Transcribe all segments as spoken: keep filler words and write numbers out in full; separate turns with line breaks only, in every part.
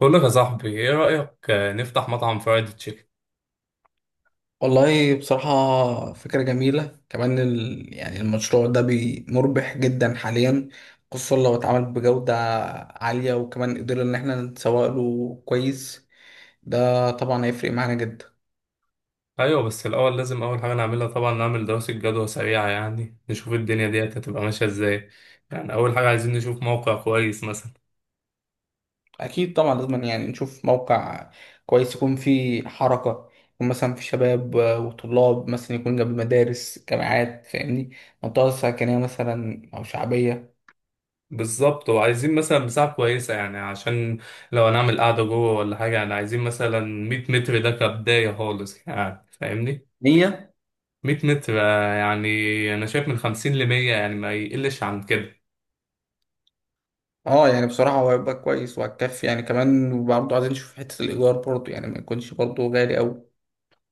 بقول لك يا صاحبي ايه رأيك؟ آه، نفتح مطعم فرايد تشيكن.
والله بصراحة فكرة جميلة كمان ال... يعني المشروع ده بي- مربح جدا حاليا، خصوصا لو اتعمل بجودة عالية، وكمان قدرنا إن احنا نسوق له كويس. ده طبعا هيفرق معانا جدا.
ايوه، بس الاول لازم اول حاجه نعملها طبعا نعمل دراسه جدوى سريعه، يعني نشوف الدنيا ديت هتبقى ماشيه ازاي. يعني اول حاجه عايزين نشوف موقع كويس مثلا.
أكيد طبعا لازم يعني نشوف موقع كويس يكون فيه حركة، يكون مثلا في شباب وطلاب، مثلا يكون جنب مدارس، جامعات، فاهمني؟ منطقة سكنية مثلا أو شعبية.
بالظبط، وعايزين مثلا مساحه كويسه يعني، عشان لو هنعمل قعده جوه ولا حاجه، يعني عايزين مثلا مية متر، ده كبدايه خالص يعني، فاهمني؟
نية.
مية متر آه، يعني انا شايف من خمسين ل مية، يعني ما يقلش عن كده.
اه، يعني بصراحة هو هيبقى كويس وهتكفي، يعني كمان برضه عايزين نشوف حتة الإيجار برضه، يعني ما يكونش برضه غالي أوي.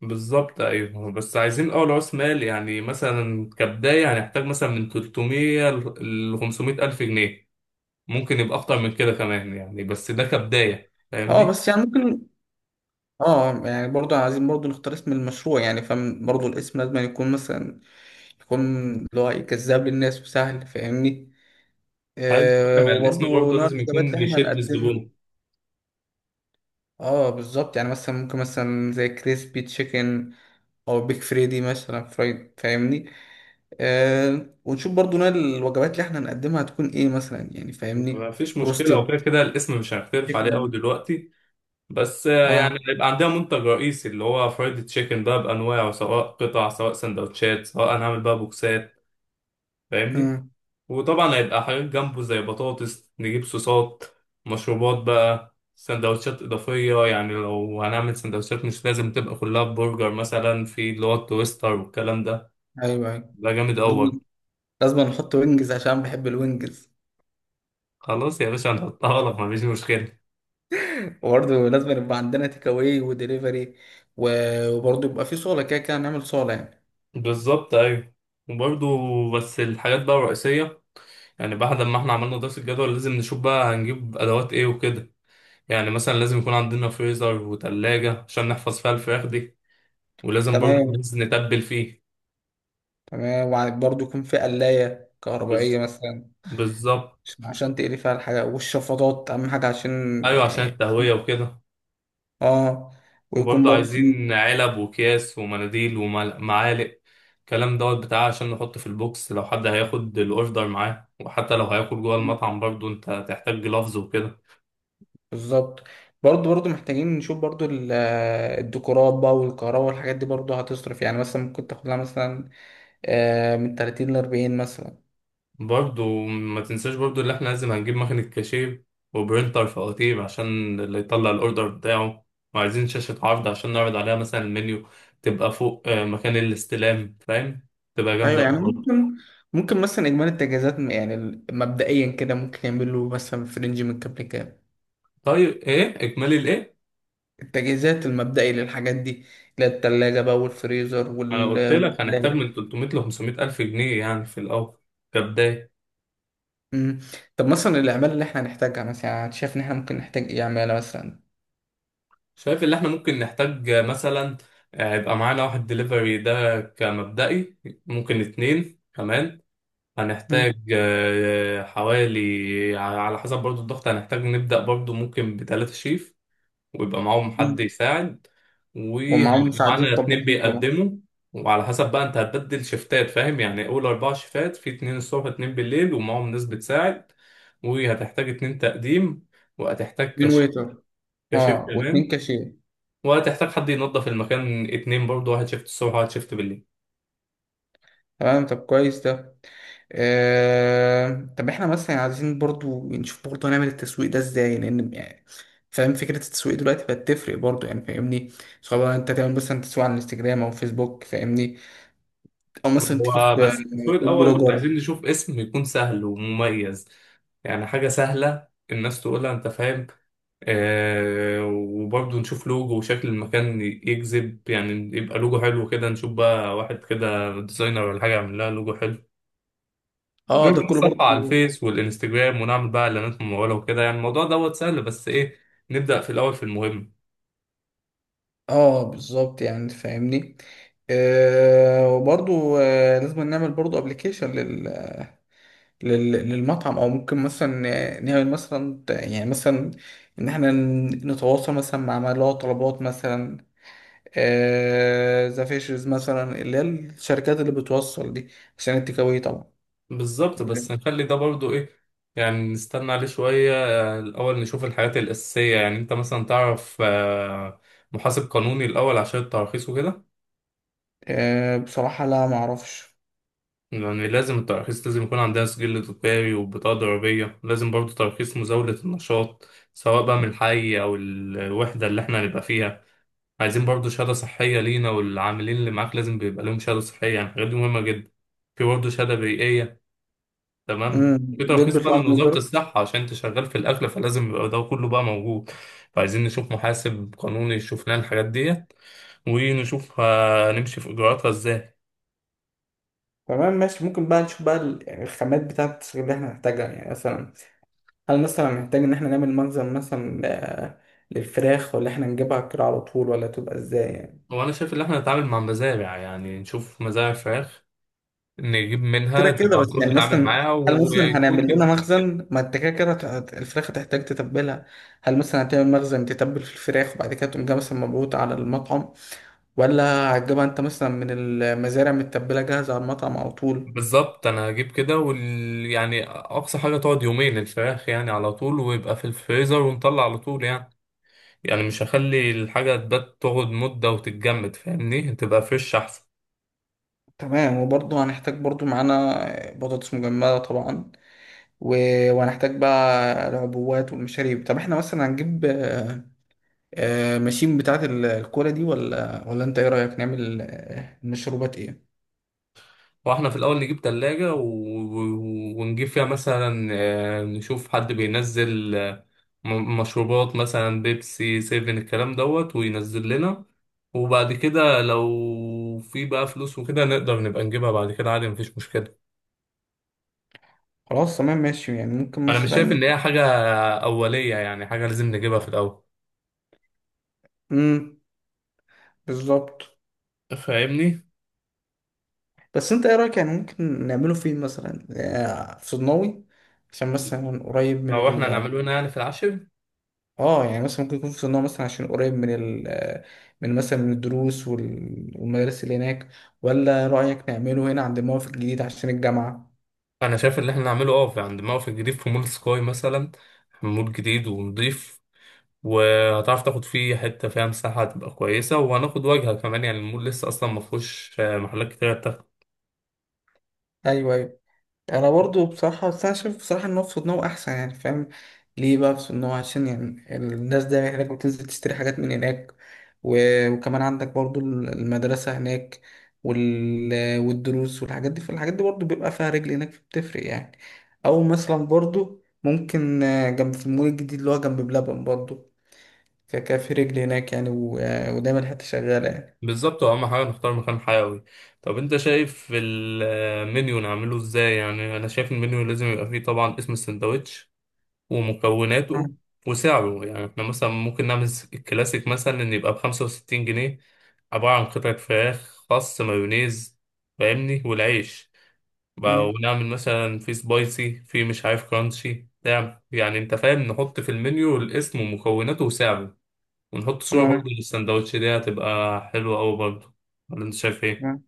بالظبط. ايوه، بس عايزين اول راس مال، يعني مثلا كبدايه هنحتاج مثلا من ثلاثمية ل 500 الف جنيه. ممكن يبقى اكتر من كده كمان يعني، بس ده كبدايه،
اه
فاهمني؟
بس يعني ممكن. اه يعني برضه عايزين برضه نختار اسم المشروع، يعني فاهم؟ برضه الاسم لازم يكون مثلا يكون اللي هو إيه، جذاب للناس وسهل، فاهمني؟
هل
آه،
مع الاسم
وبرضه
برضه
نوع
لازم
الوجبات
يكون
اللي احنا
بيشد
هنقدمها.
الزبون؟
اه بالظبط، يعني مثلا ممكن مثلا زي كريسبي تشيكن، أو بيك فريدي مثلا فرايد، فاهمني؟ آه، ونشوف برضو نوع الوجبات اللي احنا هنقدمها هتكون ايه مثلا، يعني
ما
فاهمني؟
فيش مشكله، وكده
روستد
كده الاسم مش هنختلف عليه
تشيكن.
قوي دلوقتي. بس آه، يعني
اه.
يبقى عندنا منتج رئيسي اللي هو فرايد تشيكن بقى بانواعه، سواء قطع، سواء سندوتشات، سواء هنعمل بقى بوكسات، فاهمني.
مم.
وطبعا هيبقى حاجات جنبه زي بطاطس، نجيب صوصات، مشروبات بقى، سندوتشات إضافية. يعني لو هنعمل سندوتشات مش لازم تبقى كلها برجر، مثلا في اللي هو التويستر والكلام ده.
ايوه، ايوه.
ده جامد أول.
ولازم لازم نحط وينجز عشان بحب الوينجز.
خلاص يا باشا، هنحطها لك، مفيش مشكلة.
وبرضه لازم يبقى عندنا تيك اواي ودليفري، وبرضه يبقى في صاله، كده كده نعمل صاله يعني.
بالظبط، أيوة. وبرضه بس الحاجات بقى الرئيسية، يعني بعد ما احنا عملنا دراسة الجدول لازم نشوف بقى هنجيب أدوات ايه وكده. يعني مثلا لازم يكون عندنا فريزر وتلاجة عشان نحفظ فيها الفراخ دي، ولازم برضه
تمام،
نتبل فيه.
تمام. وبرضه يكون في قلايه كهربائيه مثلا،
بالظبط.
عشان عشان تقلي فيها الحاجه، والشفاطات اهم حاجه عشان.
ايوه، عشان التهويه وكده.
اه. آه. ويكون
وبرضه
برضه في.
عايزين علب وكياس ومناديل ومعالق، الكلام دوت بتاع، عشان نحط في البوكس لو حد هياخد الاوردر معاه. وحتى لو هياكل جوه المطعم برضه انت هتحتاج جلافز وكده.
بالظبط. برضه برضه محتاجين نشوف برضه ال- الديكورات بقى والكهرباء والحاجات دي، برضه هتصرف، يعني مثلا ممكن تاخد لها مثلا آه، من ثلاثين ل أربعين مثلا.
برضه ما تنساش برضه اللي احنا لازم هنجيب مكنة كاشير، وبرينتر فواتير عشان اللي يطلع الاوردر بتاعه. وعايزين شاشة عرض عشان نعرض عليها مثلا المنيو، تبقى فوق آه، مكان الاستلام، فاهم؟ تبقى جامدة
ايوه يعني
أوي.
ممكن ممكن مثلا اجمالي التجهيزات، م- يعني ال- مبدئيا كده ممكن يعمل له مثلا في رينج من كام لكام؟
طيب ايه، اكملي الايه.
التجهيزات المبدئي للحاجات دي اللي هي التلاجة بقى والفريزر
ما انا
وال
قلت لك هنحتاج
والقلاية.
من ثلاثمية ل خمسمية الف جنيه يعني في الاول، كبدايه.
مم. طب مثلا الأعمال اللي احنا هنحتاجها مثلا، يعني أنت شايف إن احنا ممكن نحتاج إيه؟ عمالة مثلا.
شايف اللي احنا ممكن نحتاج مثلا آه، يبقى معانا واحد دليفري ده كمبدئي، ممكن اتنين كمان.
مم.
هنحتاج آه، حوالي، على حسب برضو الضغط، هنحتاج نبدأ برضو ممكن بتلاتة شيف، ويبقى معاهم حد
مم.
يساعد. وهيبقى
ومعاهم مساعدين
معانا اتنين
طباخين طبعا.
بيقدموا. وعلى حسب بقى انت هتبدل شفتات فاهم، يعني اول اربع شفتات، في اتنين الصبح، اتنين بالليل، ومعاهم ناس بتساعد. وهتحتاج اتنين تقديم، وهتحتاج
اتنين
كشف
ويتر
كشف
اه، واتنين
كمان.
كاشير
وهتحتاج حد ينظف المكان اتنين برضه، واحد شفت الصبح وواحد شفت بالليل.
تمام، طب كويس ده. آه... طب احنا مثلا عايزين برضو نشوف برضو هنعمل التسويق ده ازاي؟ لان يعني فاهم فكرة التسويق دلوقتي بقت تفرق برضو، يعني فاهمني؟ سواء انت تعمل مثلا تسويق على الانستجرام او فيسبوك، فاهمني؟ او مثلا تيجي
هو
في آه،
بس التصوير
فود
الأول
بلوجر.
عايزين نشوف اسم يكون سهل ومميز، يعني حاجة سهلة الناس تقولها، أنت فاهم. آه، وبرضه نشوف لوجو وشكل المكان يجذب يعني، يبقى لوجو حلو كده، نشوف بقى واحد كده ديزاينر ولا حاجة يعمل لها لوجو حلو.
اه
غير بقى
ده كله
نصفح على
برضو.
الفيس والإنستجرام، ونعمل بقى إعلانات ممولة وكده. يعني الموضوع دوت سهل، بس إيه، نبدأ في الأول في المهم.
اه بالظبط، يعني فاهمني. آه... وبرضو آه... لازم نعمل برضو ابلكيشن لل- للمطعم، او ممكن مثلا نعمل مثلا يعني مثلا ان احنا نتواصل مثلا مع ملاء طلبات، مثلا ذا فيشرز مثلا، اللي هي الشركات اللي بتوصل دي، عشان التيك أواي طبعا.
بالظبط، بس نخلي ده برضو ايه، يعني نستنى عليه شوية. آه، الأول نشوف الحاجات الأساسية. يعني أنت مثلا تعرف آه، محاسب قانوني الأول عشان التراخيص وكده؟
آه، بصراحة لا، ما اعرفش.
يعني لازم التراخيص، لازم يكون عندها سجل تجاري وبطاقة ضريبية، لازم برضو ترخيص مزاولة النشاط سواء بقى من الحي أو الوحدة اللي احنا هنبقى فيها. عايزين برضو شهادة صحية لينا، والعاملين اللي معاك لازم بيبقى لهم شهادة صحية، يعني الحاجات دي مهمة جدا. في برضه شهادة بيئية، تمام.
مم.
في
دول
ترخيص بقى
بيطلعوا
من
من
وزارة
الوزارة.
الصحة عشان انت شغال في الأكل، فلازم يبقى ده كله بقى موجود. فعايزين نشوف محاسب قانوني يشوف لنا الحاجات ديت، ونشوف هنمشي في إجراءاتها ازاي.
تمام ماشي، ممكن بقى نشوف بقى ال- يعني الخامات بتاعت اللي احنا هنحتاجها، يعني مثلا هل مثلا محتاج ان احنا نعمل مخزن مثلا آه، للفراخ، ولا احنا نجيبها كده على طول، ولا تبقى ازاي يعني؟
هو أنا شايف إن احنا نتعامل مع مزارع، يعني نشوف مزارع فراخ نجيب منها،
كده كده
تبقى الكل
بس يعني
بيتعامل
مثلا،
معاها
هل مثلا
ويكون
هنعمل لنا
كده.
مخزن؟ ما انت كده كده هت- هت- الفراخ هتحتاج تتبلها، هل مثلا هتعمل مخزن تتبل في الفراخ، وبعد كده تقوم جايبها مثلا مبعوث على المطعم، ولا هتجيبها انت مثلا من المزارع متبلة جاهزة على المطعم على طول؟
بالظبط، أنا هجيب كده وال... يعني أقصى حاجة تقعد يومين الفراخ، يعني على طول ويبقى في الفريزر، ونطلع على طول يعني. يعني مش هخلي الحاجة تبات تقعد مدة وتتجمد، فاهمني، تبقى فريش أحسن.
تمام، وبرضه هنحتاج برضه معانا بطاطس مجمدة طبعا، و... وهنحتاج بقى العبوات والمشاريب. طب احنا مثلا هنجيب آه، آه، ماشين بتاعة ال- الكولا دي، ولا ولا انت ايه رأيك؟ نعمل آه، مشروبات ايه؟
واحنا في الأول نجيب تلاجة و... و- ونجيب فيها مثلا آه، نشوف حد بينزل آه، م- مشروبات، مثلا بيبسي سيفن الكلام دوت، وينزل لنا. وبعد كده لو في بقى فلوس وكده نقدر نبقى نجيبها بعد كده عادي، مفيش مشكلة.
خلاص تمام ماشي، يعني ممكن
أنا مش شايف إن
مثلا.
هي حاجة أولية، يعني حاجة لازم نجيبها في الأول،
امم بالظبط.
فاهمني؟
بس انت ايه رايك؟ يعني ممكن نعمله فين مثلا آه، في صدناوي، عشان مثلا قريب من
لو احنا
ال.
هنعمله هنا يعني في العشر،
اه، يعني مثلا ممكن يكون في صدناوي مثلا، عشان قريب من ال آه، من مثلا من الدروس وال- والمدارس اللي هناك، ولا رايك نعمله هنا عند الموقف الجديد عشان الجامعه؟
انا شايف ان احنا نعمله اه في- عند موقف جديد في مول سكاي مثلا، مول جديد ونضيف. وهتعرف تاخد فيه حته فيها مساحه هتبقى كويسه، وهناخد واجهه كمان. يعني المول لسه اصلا ما فيهوش آه، محلات كتير بتاخد.
ايوه، ايوه. انا برضو بصراحه، بس انا شايف بصراحه ان هو في صدنه احسن، يعني فاهم؟ ليه بقى في صدنه؟ عشان يعني الناس دايما هناك بتنزل تشتري حاجات من هناك، و- وكمان عندك برضو المدرسه هناك وال... والدروس والحاجات دي، فالحاجات دي برضو بيبقى فيها رجل هناك، فبتفرق يعني. او مثلا برضو ممكن آه، جنب في المول الجديد اللي هو جنب بلبن برضو، فكان في رجل هناك يعني و... آه، ودايما الحته شغاله يعني.
بالظبط، واهم حاجه نختار مكان حيوي. طب انت شايف المنيو نعمله ازاي؟ يعني انا شايف المنيو لازم يبقى فيه طبعا اسم السندوتش ومكوناته
مم.
وسعره. يعني احنا مثلا ممكن نعمل س- الكلاسيك مثلا، ان يبقى بخمسة وستين جنيه، عبارة عن قطعة فراخ، خس، مايونيز، فاهمني، والعيش بقى.
مم.
ونعمل مثلا في سبايسي، في مش عارف كرانشي، نعم يعني انت فاهم، نحط في المنيو الاسم ومكوناته وسعره. ونحط صورة برضه للسندوتش، دي هتبقى حلوة أوي برضه، ولا انت شايف ايه؟
تمام.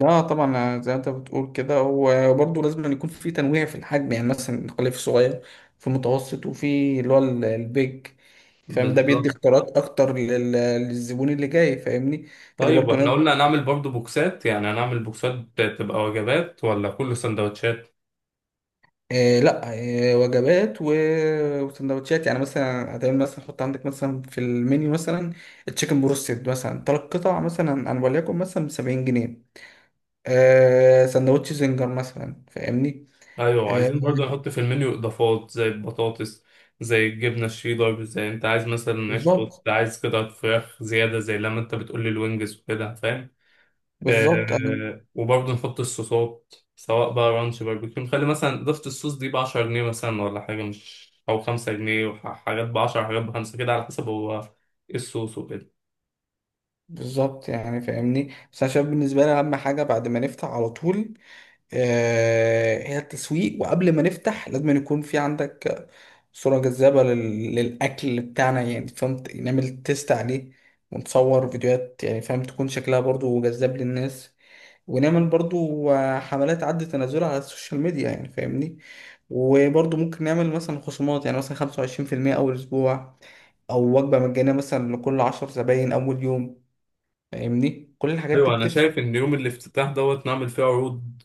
لا طبعا، زي ما انت بتقول كده، وبرضه لازم أن يكون في تنويع في الحجم، يعني مثلا الخلية في الصغير، في المتوسط، وفي اللي هو ال- البيج، فاهم؟ ده بيدي
بالظبط.
اختيارات اكتر لل- للزبون اللي جاي، فاهمني؟ فدي
طيب
برضه
واحنا
نقدر-
قلنا هنعمل برضه بوكسات، يعني هنعمل بوكسات تبقى وجبات ولا كل سندوتشات؟
آه لا، آه وجبات و- وسندوتشات، يعني مثلا هتعمل مثلا، حط عندك مثلا في المنيو مثلا تشيكن بروستد مثلا تلات قطع مثلا، انا وليكن مثلا ب سبعين جنيه، آه سندوتش زنجر مثلا، فاهمني؟
ايوه،
آه
عايزين برضه نحط في المنيو اضافات زي البطاطس، زي الجبنه الشيدر، زي انت عايز مثلا عيش توست،
بالظبط،
عايز قطعه فراخ زياده، زي لما انت بتقول لي الوينجز وكده، فاهم.
بالظبط،
آه، وبرضه نحط الصوصات سواء بقى رانش، باربيكيو، نخلي مثلا اضافه الصوص دي ب عشرة جنيه مثلا، ولا حاجه مش، او خمسة جنيه، وحاجات ب عشرة حاجات ب خمسة، كده على حسب هو ايه الصوص وكده.
بالظبط، يعني فاهمني. بس انا شايف بالنسبه لي اهم حاجه بعد ما نفتح على طول، آه هي التسويق، وقبل ما نفتح لازم يكون في عندك صوره جذابه لل... للاكل بتاعنا، يعني فهمت؟ نعمل تيست عليه ونصور فيديوهات، يعني فاهم؟ تكون شكلها برضو جذاب للناس، ونعمل برضو آه، حملات عد تنازلها على السوشيال ميديا، يعني فاهمني؟ وبرضو ممكن نعمل مثلا خصومات، يعني مثلا خمسة وعشرين في المية أول أسبوع، أو وجبة مجانية مثلا لكل عشر زباين أول يوم، فاهمني؟ كل الحاجات دي
ايوه، انا
بتفرق.
شايف ان يوم الافتتاح دوت نعمل فيه عروض،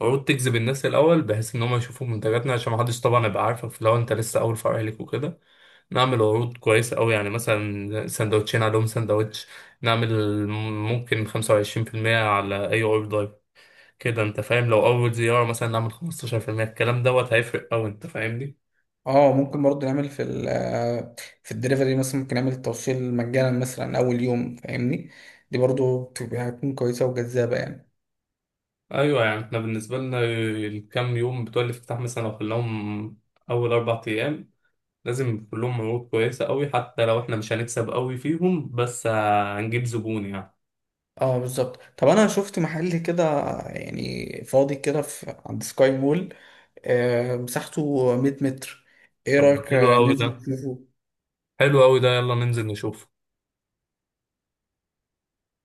عروض تجذب الناس الاول، بحيث ان هم يشوفوا منتجاتنا، عشان محدش طبعا يبقى عارفك لو انت لسه اول فرع ليك وكده. نعمل عروض كويسه قوي، يعني مثلا سندوتشين عليهم سندوتش، نعمل ممكن خمسة وعشرين في المية على اي اوردر، كده انت فاهم. لو اول زياره مثلا نعمل خمسة عشر بالمية، الكلام دوت هيفرق قوي، انت فاهمني.
اه ممكن برضه نعمل في ال في الدليفري مثلا، ممكن نعمل التوصيل مجانا مثلا اول يوم، فاهمني؟ دي برضه بتبقى هتكون كويسه وجذابه يعني.
ايوه، يعني احنا بالنسبه لنا الكام يوم بتوع الافتتاح، مثلا لو خلاهم اول اربع ايام، لازم كلهم مجهود كويسة قوي، حتى لو احنا مش هنكسب قوي فيهم، بس آه، هنجيب زبون يعني.
اه بالظبط. طب انا شفت محل كده يعني فاضي كده، في عند سكاي مول، آه مساحته مية متر. ايه
طب
رايك
حلو
آه،
قوي ده،
ننزل نشوفه؟
حلو قوي ده، يلا ننزل نشوف.